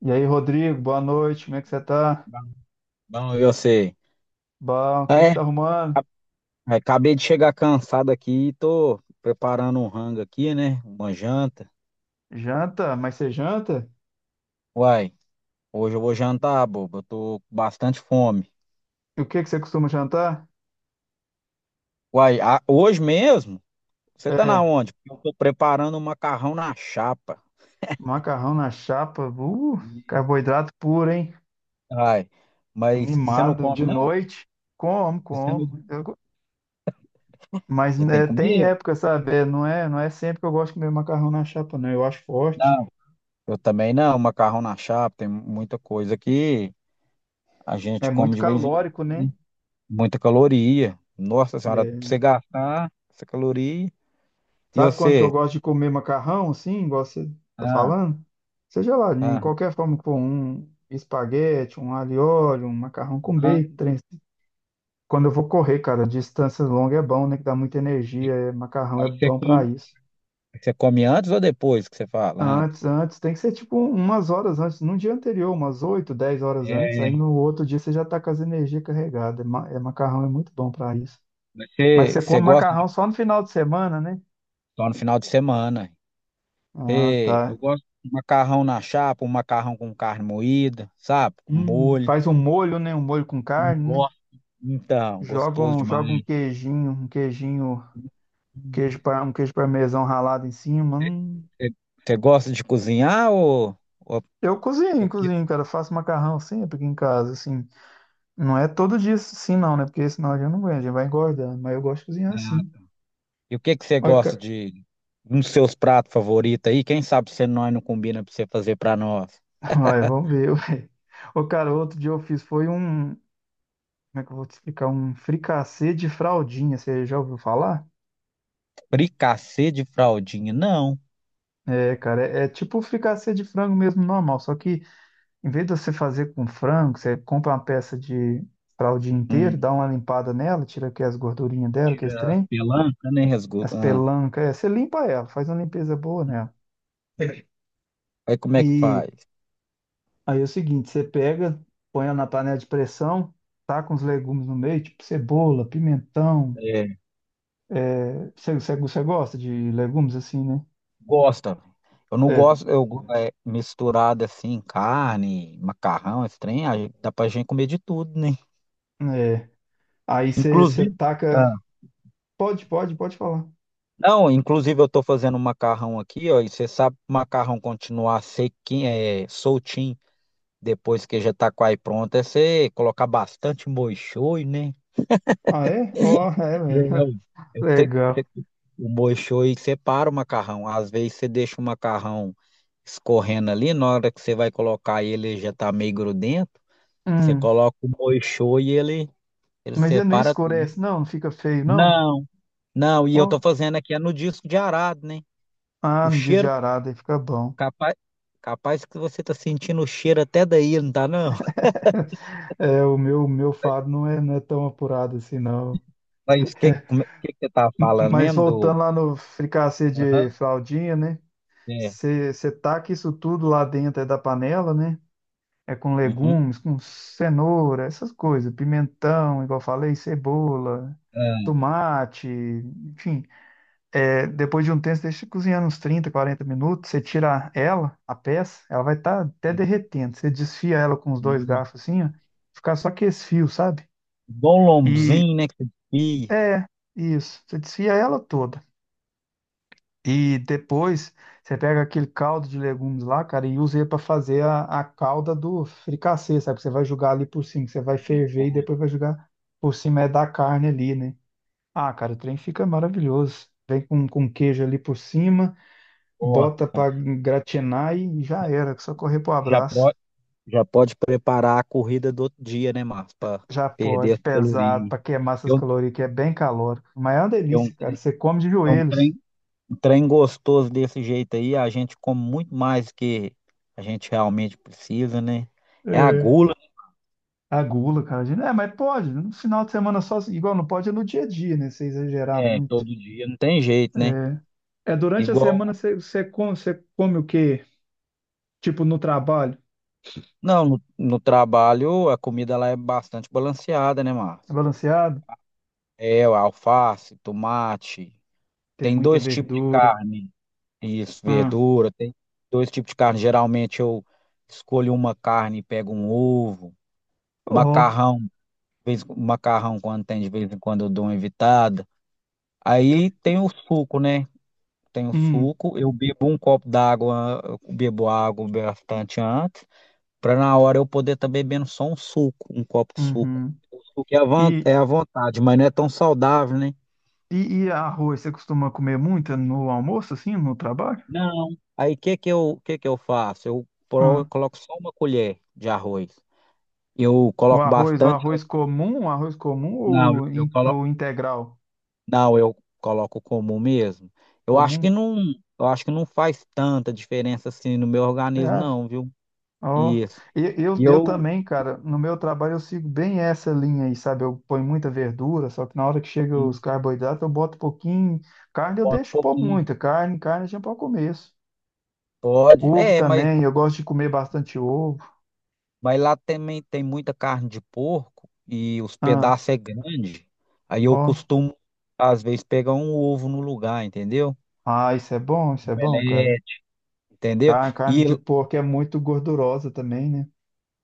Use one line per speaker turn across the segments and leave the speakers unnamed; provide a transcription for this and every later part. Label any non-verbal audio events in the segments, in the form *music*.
E aí, Rodrigo, boa noite, como é que você tá?
Bom, eu sei.
Bom, o que que você
É,
tá arrumando?
acabei de chegar cansado aqui e tô preparando um rango aqui, né? Uma janta.
Janta? Mas você janta?
Uai, hoje eu vou jantar, bobo. Eu tô com bastante fome.
E o que que você costuma jantar?
Uai, hoje mesmo? Você tá na
É,
onde? Porque eu tô preparando um macarrão na chapa.
macarrão na chapa,
Ih,
carboidrato puro, hein?
ai, mas você não
Animado,
come,
de
não?
noite, como,
Você não...
como. Mas
Você tem
né, tem
comigo?
época, sabe? É, não é sempre que eu gosto de comer macarrão na chapa, não. Eu acho forte.
Não. Eu também não. Macarrão na chapa, tem muita coisa que a
É
gente come
muito
de vez em quando,
calórico, né?
né? Muita caloria. Nossa senhora, pra
É,
você gastar essa caloria. E
sabe quando que eu
você?
gosto de comer macarrão, assim, igual você tá
Ah,
falando? Seja lá, em
ah,
qualquer forma que for, um espaguete, um alho e óleo, um macarrão com
ah.
bacon, trem assim. Quando eu vou correr, cara, distância longa é bom, né? Que dá muita
Aí
energia, macarrão é
aí
bom pra isso.
você come antes ou depois que você fala?
Antes,
Antes.
antes, tem que ser tipo umas horas antes, no dia anterior, umas 8, 10 horas antes, aí
É,
no outro dia você já tá com as energias carregadas. É, é macarrão é muito bom pra isso. Mas
você,
você
você
come
gosta
macarrão
de
só no final de semana, né?
só no final de semana.
Ah,
Você, eu
tá.
gosto de macarrão na chapa, um macarrão com carne moída, sabe? Com molho.
Faz um molho, né? Um molho com carne, né?
Nossa. Então,
Joga
gostoso
um, joga um
demais.
queijinho, um queijinho, queijo para um queijo parmesão ralado em cima.
Você,
Hum.
você- você gosta de cozinhar ou
Eu cozinho,
porque?
cozinho, cara. Faço macarrão sempre aqui em casa, assim. Não é todo dia assim, não, né? Porque senão a gente não aguenta, a gente vai engordando. Mas eu gosto de cozinhar assim.
E o que que você
Olha,
gosta
ca-
de nos seus pratos favoritos aí? Quem sabe se nós não combina pra você fazer pra nós?
*laughs* Olha, vamos ver. *laughs* Ué. Ô, cara, outro dia eu fiz foi um. Como é que eu vou te explicar? Um fricassê de fraldinha. Você já ouviu falar?
Fricassê de fraldinha, não.
É, cara, é tipo um fricassê de frango mesmo normal, só que em vez de você fazer com frango, você compra uma peça de para o dia inteiro,
Hum,
dá uma limpada nela, tira aqui as gordurinhas dela, que é
tira a
estranho,
pelanca, né?
as
Ah,
pelancas, é, você limpa ela, faz uma limpeza boa nela.
aí como é que
E
faz?
aí é o seguinte, você pega, põe ela na panela de pressão, taca uns legumes no meio, tipo cebola, pimentão.
É,
É, você gosta de legumes assim, né?
gosta. Eu não
É,
gosto, é, misturado assim, carne, macarrão, esse trem, aí dá pra gente comer de tudo, né?
é. Aí você
Inclusive,
taca.
ah,
Pode, pode, pode falar.
não, inclusive eu tô fazendo um macarrão aqui, ó, e você sabe que o macarrão continuar sequinho, soltinho. Depois que já tá quase pronto, é você colocar bastante molho shoyu, né?
Ah, é? Ó, é,
É, ué.
velho. *laughs*
Eu sei que
Legal.
o molho shoyu separa o macarrão. Às vezes você deixa o macarrão escorrendo ali, na hora que você vai colocar ele, ele já tá meio grudento. Você
Hum.
coloca o molho shoyu e ele
Mas ele não
separa tudo.
escurece, não, não fica feio, não?
Não, não, e eu tô
Ó,
fazendo aqui é no disco de arado, né? O
ah, não diz de
cheiro,
arada, aí fica bom.
capaz, capaz que você tá sentindo o cheiro até daí, não tá não?
*laughs* É, o meu fado não é tão apurado assim, não.
Mas o que, que você tá falando
Mas
mesmo
voltando
do...
lá no fricassê de
Aham,
fraldinha, né?
é.
Você taca isso tudo lá dentro é da panela, né? É com
Uhum.
legumes, com cenoura, essas coisas, pimentão, igual eu falei, cebola,
Ah,
tomate, enfim. É, depois de um tempo, você deixa cozinhando uns 30 40 minutos. Você tira ela, a peça, ela vai estar até derretendo. Você desfia ela com os dois
hum,
garfos assim, ó. Ficar só com esse fio, sabe?
igual um
E
lombzinho, né? Que você desfia.
é isso. Você desfia ela toda. E depois você pega aquele caldo de legumes lá, cara, e usa ele para fazer a calda do fricassê, sabe? Que você vai jogar ali por cima, que você vai ferver e
Nossa,
depois vai jogar por cima é da carne ali, né? Ah, cara, o trem fica maravilhoso. Vem com queijo ali por cima.
nossa,
Bota
cara.
pra gratinar e já era, só correr pro
já
abraço.
pode, já pode preparar a corrida do outro dia, né, Márcio? Para
Já
perder
pode,
as
pesado,
calorias.
pra queimar
Que
essas
é um,
calorias, que é bem calórico. Mas é uma
que é um,
delícia, cara.
trem,
Você come de
que é
joelhos.
um trem gostoso desse jeito aí, a gente come muito mais que a gente realmente precisa, né? É a
É.
gula, né?
A gula, cara. Gente, é, mas pode, no final de semana só, igual não pode é no dia a dia, né? Você exagerar
É,
muito.
todo dia, não tem jeito, né?
É, é durante a semana
Igual.
você come o quê? Tipo no trabalho?
Não, no trabalho a comida lá é bastante balanceada, né,
É
Márcio?
balanceado?
É, o alface, tomate.
Tem
Tem
muita
dois tipos de
verdura.
carne. Isso,
Ah,
verdura. Tem dois tipos de carne. Geralmente eu escolho uma carne e pego um ovo.
oh,
Macarrão, macarrão quando tem, de vez em quando eu dou uma evitada. Aí tem o suco, né? Tem o
hum,
suco. Eu bebo um copo d'água, eu bebo água bastante antes, para na hora eu poder estar bebendo só um suco, um copo de suco.
uhum.
O suco é
E
é à vontade, mas não é tão saudável, né?
e arroz, você costuma comer muito no almoço, assim, no trabalho?
Não. Aí o que que eu faço?
Ah.
Coloco só uma colher de arroz. Eu
O
coloco
arroz, o
bastante.
arroz comum, o arroz comum
Não,
ou,
eu coloco.
ou integral
Não, eu coloco comum mesmo. Eu acho
comum,
que não, eu acho que não faz tanta diferença assim no meu
você
organismo,
acha?
não, viu?
Ó,
Isso.
eu, eu,
E
eu
eu,
também, cara, no meu trabalho eu sigo bem essa linha aí, sabe? Eu ponho muita verdura, só que na hora que chega os
e
carboidratos eu boto um pouquinho.
eu
Carne eu
boto um
deixo pôr
pouquinho.
muita, carne já para o começo.
Pode.
Ovo
É,
também, eu gosto de comer bastante ovo.
mas lá também tem muita carne de porco e os
Ah,
pedaços é grande. Aí eu
ó,
costumo, às vezes, pegar um ovo no lugar, entendeu?
ah, isso é bom, cara.
Entendeu?
Carne
E
de porco é muito gordurosa também, né?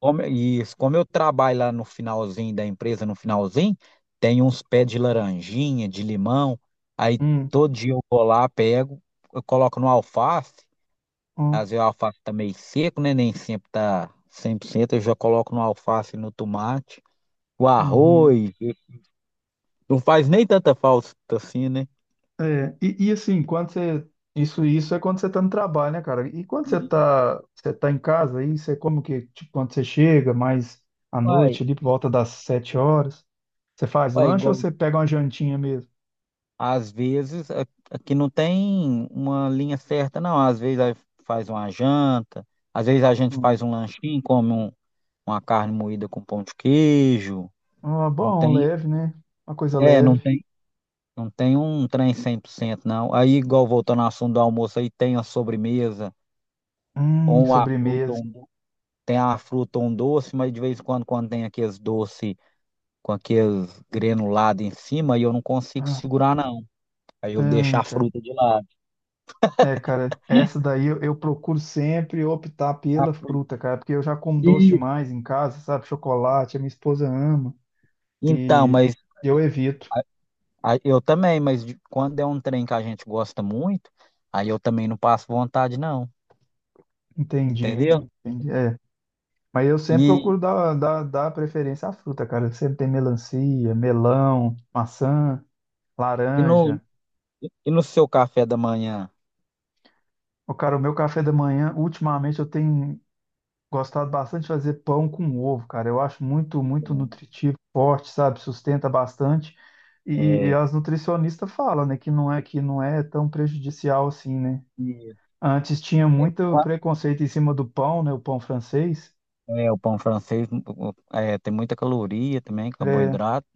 e como eu trabalho lá no finalzinho da empresa, no finalzinho, tem uns pés de laranjinha, de limão, aí
Hum,
todo dia eu vou lá, pego, eu coloco no alface,
ó,
às vezes o alface tá meio seco, né? Nem sempre tá 100%, eu já coloco no alface e no tomate, o
uhum.
arroz, não faz nem tanta falta assim, né?
É, e assim, quando você. Isso é quando você tá no trabalho, né, cara? E quando você
E
tá, você tá em casa aí, você como que, tipo, quando você chega mais à noite,
vai,
ali por volta das 7 horas, você faz
vai
lanche ou
igual.
você pega uma jantinha mesmo?
Às vezes, aqui não tem uma linha certa, não. Às vezes aí faz uma janta, às vezes a gente faz
Hum.
um lanchinho, uma carne moída com pão de queijo.
Ah,
Não
bom,
tem,
leve, né? Uma coisa
é, não
leve.
tem, não tem um trem 100% não. Aí, igual voltando ao assunto do almoço, aí tem a sobremesa, ou uma fruta,
Sobremesa.
tem a fruta ou um doce, mas de vez em quando, quando tem aqueles doces com aqueles granulados em cima, aí eu não consigo segurar, não. Aí eu deixo
Ah,
a fruta de lado.
é, cara, essa
*laughs*
daí eu procuro sempre optar
A
pela
fruta.
fruta, cara, porque eu já como doce demais em casa, sabe? Chocolate, a minha esposa ama
Então,
e
mas
eu evito.
a- eu também, quando é um trem que a gente gosta muito, aí eu também não passo vontade, não,
Entendi,
entendeu?
entendi. É, mas eu sempre
E,
procuro dar preferência à fruta, cara. Sempre tem melancia, melão, maçã,
e, no,
laranja.
e no seu café da manhã?
O cara, o meu café da manhã, ultimamente eu tenho gostado bastante de fazer pão com ovo, cara. Eu acho muito, muito nutritivo, forte, sabe? Sustenta bastante. E
É,
as nutricionistas falam, né, que não é tão prejudicial assim, né?
e-
Antes tinha
é,
muito
qua-
preconceito em cima do pão, né? O pão francês.
é, o pão francês o- é, tem muita caloria também,
É.
carboidrato,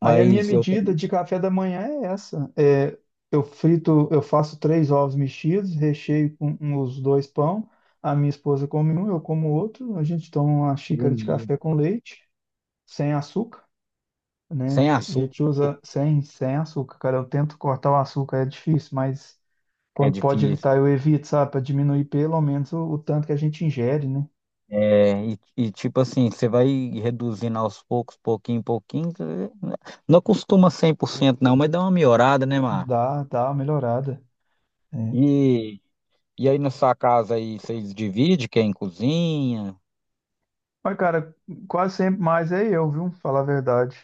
Aí a minha
mas eu
medida
também
de café da manhã é essa. É, eu frito, eu faço três ovos mexidos, recheio com os dois pão. A minha esposa come um, eu como outro. A gente toma uma xícara de
ele,
café com leite, sem açúcar,
sem
né? A
açúcar
gente usa sem açúcar, cara. Eu tento cortar o açúcar, é difícil, mas
é
quando pode
difícil.
evitar, eu evito, sabe? Para diminuir pelo menos o tanto que a gente ingere, né?
É, e tipo assim, você vai reduzindo aos poucos, pouquinho, pouquinho, não costuma cento não, mas dá uma melhorada, né, Márcio?
Dá uma melhorada. É.
E, e aí na sua casa aí vocês dividem quem cozinha?
Mas, cara, quase sempre mais é eu, viu? Falar a verdade.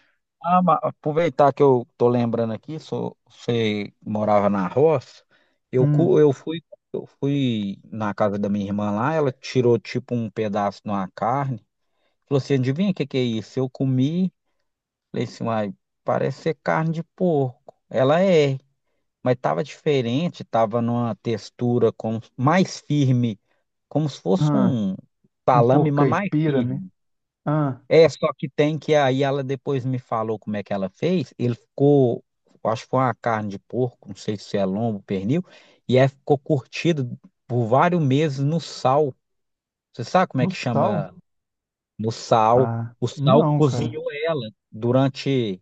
Ah, aproveitar que eu tô lembrando aqui, sou, você morava na roça. Eu,
Hum,
cu- eu fui eu fui na casa da minha irmã lá, ela tirou tipo um pedaço de uma carne. Falou assim, adivinha o que que é isso? Eu comi, falei assim, uai, parece ser carne de porco. Ela é, mas tava diferente, tava numa textura como, mais firme, como se fosse
ah,
um
um
salame,
pouco
mas mais
caipira, né?
firme.
Ah,
É, só que tem que aí ela depois me falou como é que ela fez. Ele ficou, eu acho que foi uma carne de porco, não sei se é lombo, pernil, e aí ficou curtido por vários meses no sal. Você sabe como é
no
que
sal?
chama no sal?
Ah,
O sal
não, cara.
cozinhou ela durante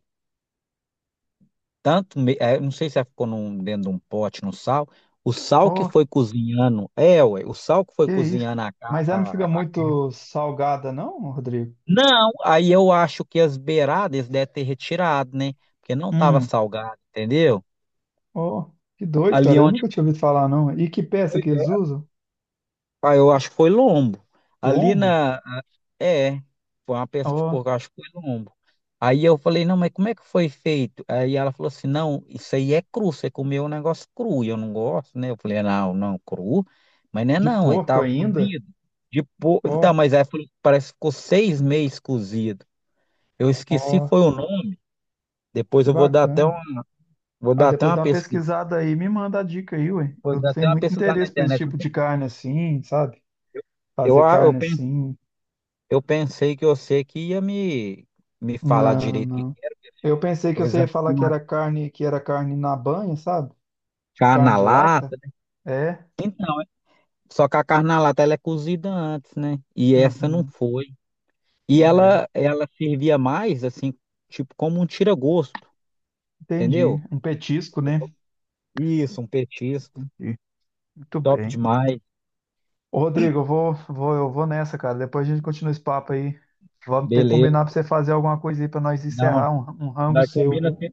tanto, é, não sei se ela ficou dentro de um pote no sal. O sal que
Oh,
foi cozinhando, é, ué, o sal que foi
que isso, cara.
cozinhando a, carne.
Mas ela não fica muito salgada, não, Rodrigo?
Não, aí eu acho que as beiradas devem ter retirado, né? Porque não estava
Hum.
salgado, entendeu?
Ó, que doido,
Ali
cara. Eu
onde
nunca tinha ouvido falar, não. E que peça
foi,
que eles
é,
usam?
ah, eu acho que foi lombo. Ali
Lombo?
na, a- é, foi uma peça de
Ó,
porco, eu acho que foi lombo. Aí eu falei, não, mas como é que foi feito? Aí ela falou assim, não, isso aí é cru, você comeu um negócio cru, e eu não gosto, né? Eu falei, não, cru, mas não é
de
não, aí
porco
tava
ainda?
cozido. Então,
Ó,
mas aí falou, parece que ficou 6 meses cozido. Eu esqueci
ó,
foi o nome, depois
que
eu vou dar até
bacana.
vou
Ah,
dar até
depois
uma
dá uma
pesquisa,
pesquisada aí, me manda a dica aí, ué.
vou
Eu
dar até
tenho
uma
muito
pesquisada na
interesse por esse
internet. Eu,
tipo
pe-
de carne assim, sabe?
eu,
Fazer
a- eu,
carne
pen-
assim.
eu pensei que você que ia me, me falar
Não,
direito que
não. Eu pensei que
eles
você ia
acham
falar que
uma
era carne, na banha, sabe? Tipo
carne
carne
na
de lata.
lata, né?
É?
Então, só que a carne na lata ela é cozida antes, né? E essa não
Uhum,
foi. E
é.
ela servia mais assim, tipo como um tira-gosto,
Entendi.
entendeu?
Um petisco, né?
Isso, um petisco.
Entendi. Muito
Top
bem.
demais.
Ô, Rodrigo, eu vou nessa, cara. Depois a gente continua esse papo aí. Vamos ter que combinar pra
Beleza.
você fazer alguma coisa aí pra nós
Não,
encerrar um rango
nós
seu,
combina
viu?
assim,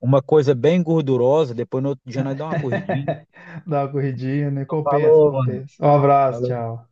uma coisa bem gordurosa, depois no outro dia nós dá uma corridinha.
*laughs* Dá uma corridinha, né?
Então,
Compensa,
falou, mano.
compensa. Um abraço,
Falou.
tchau.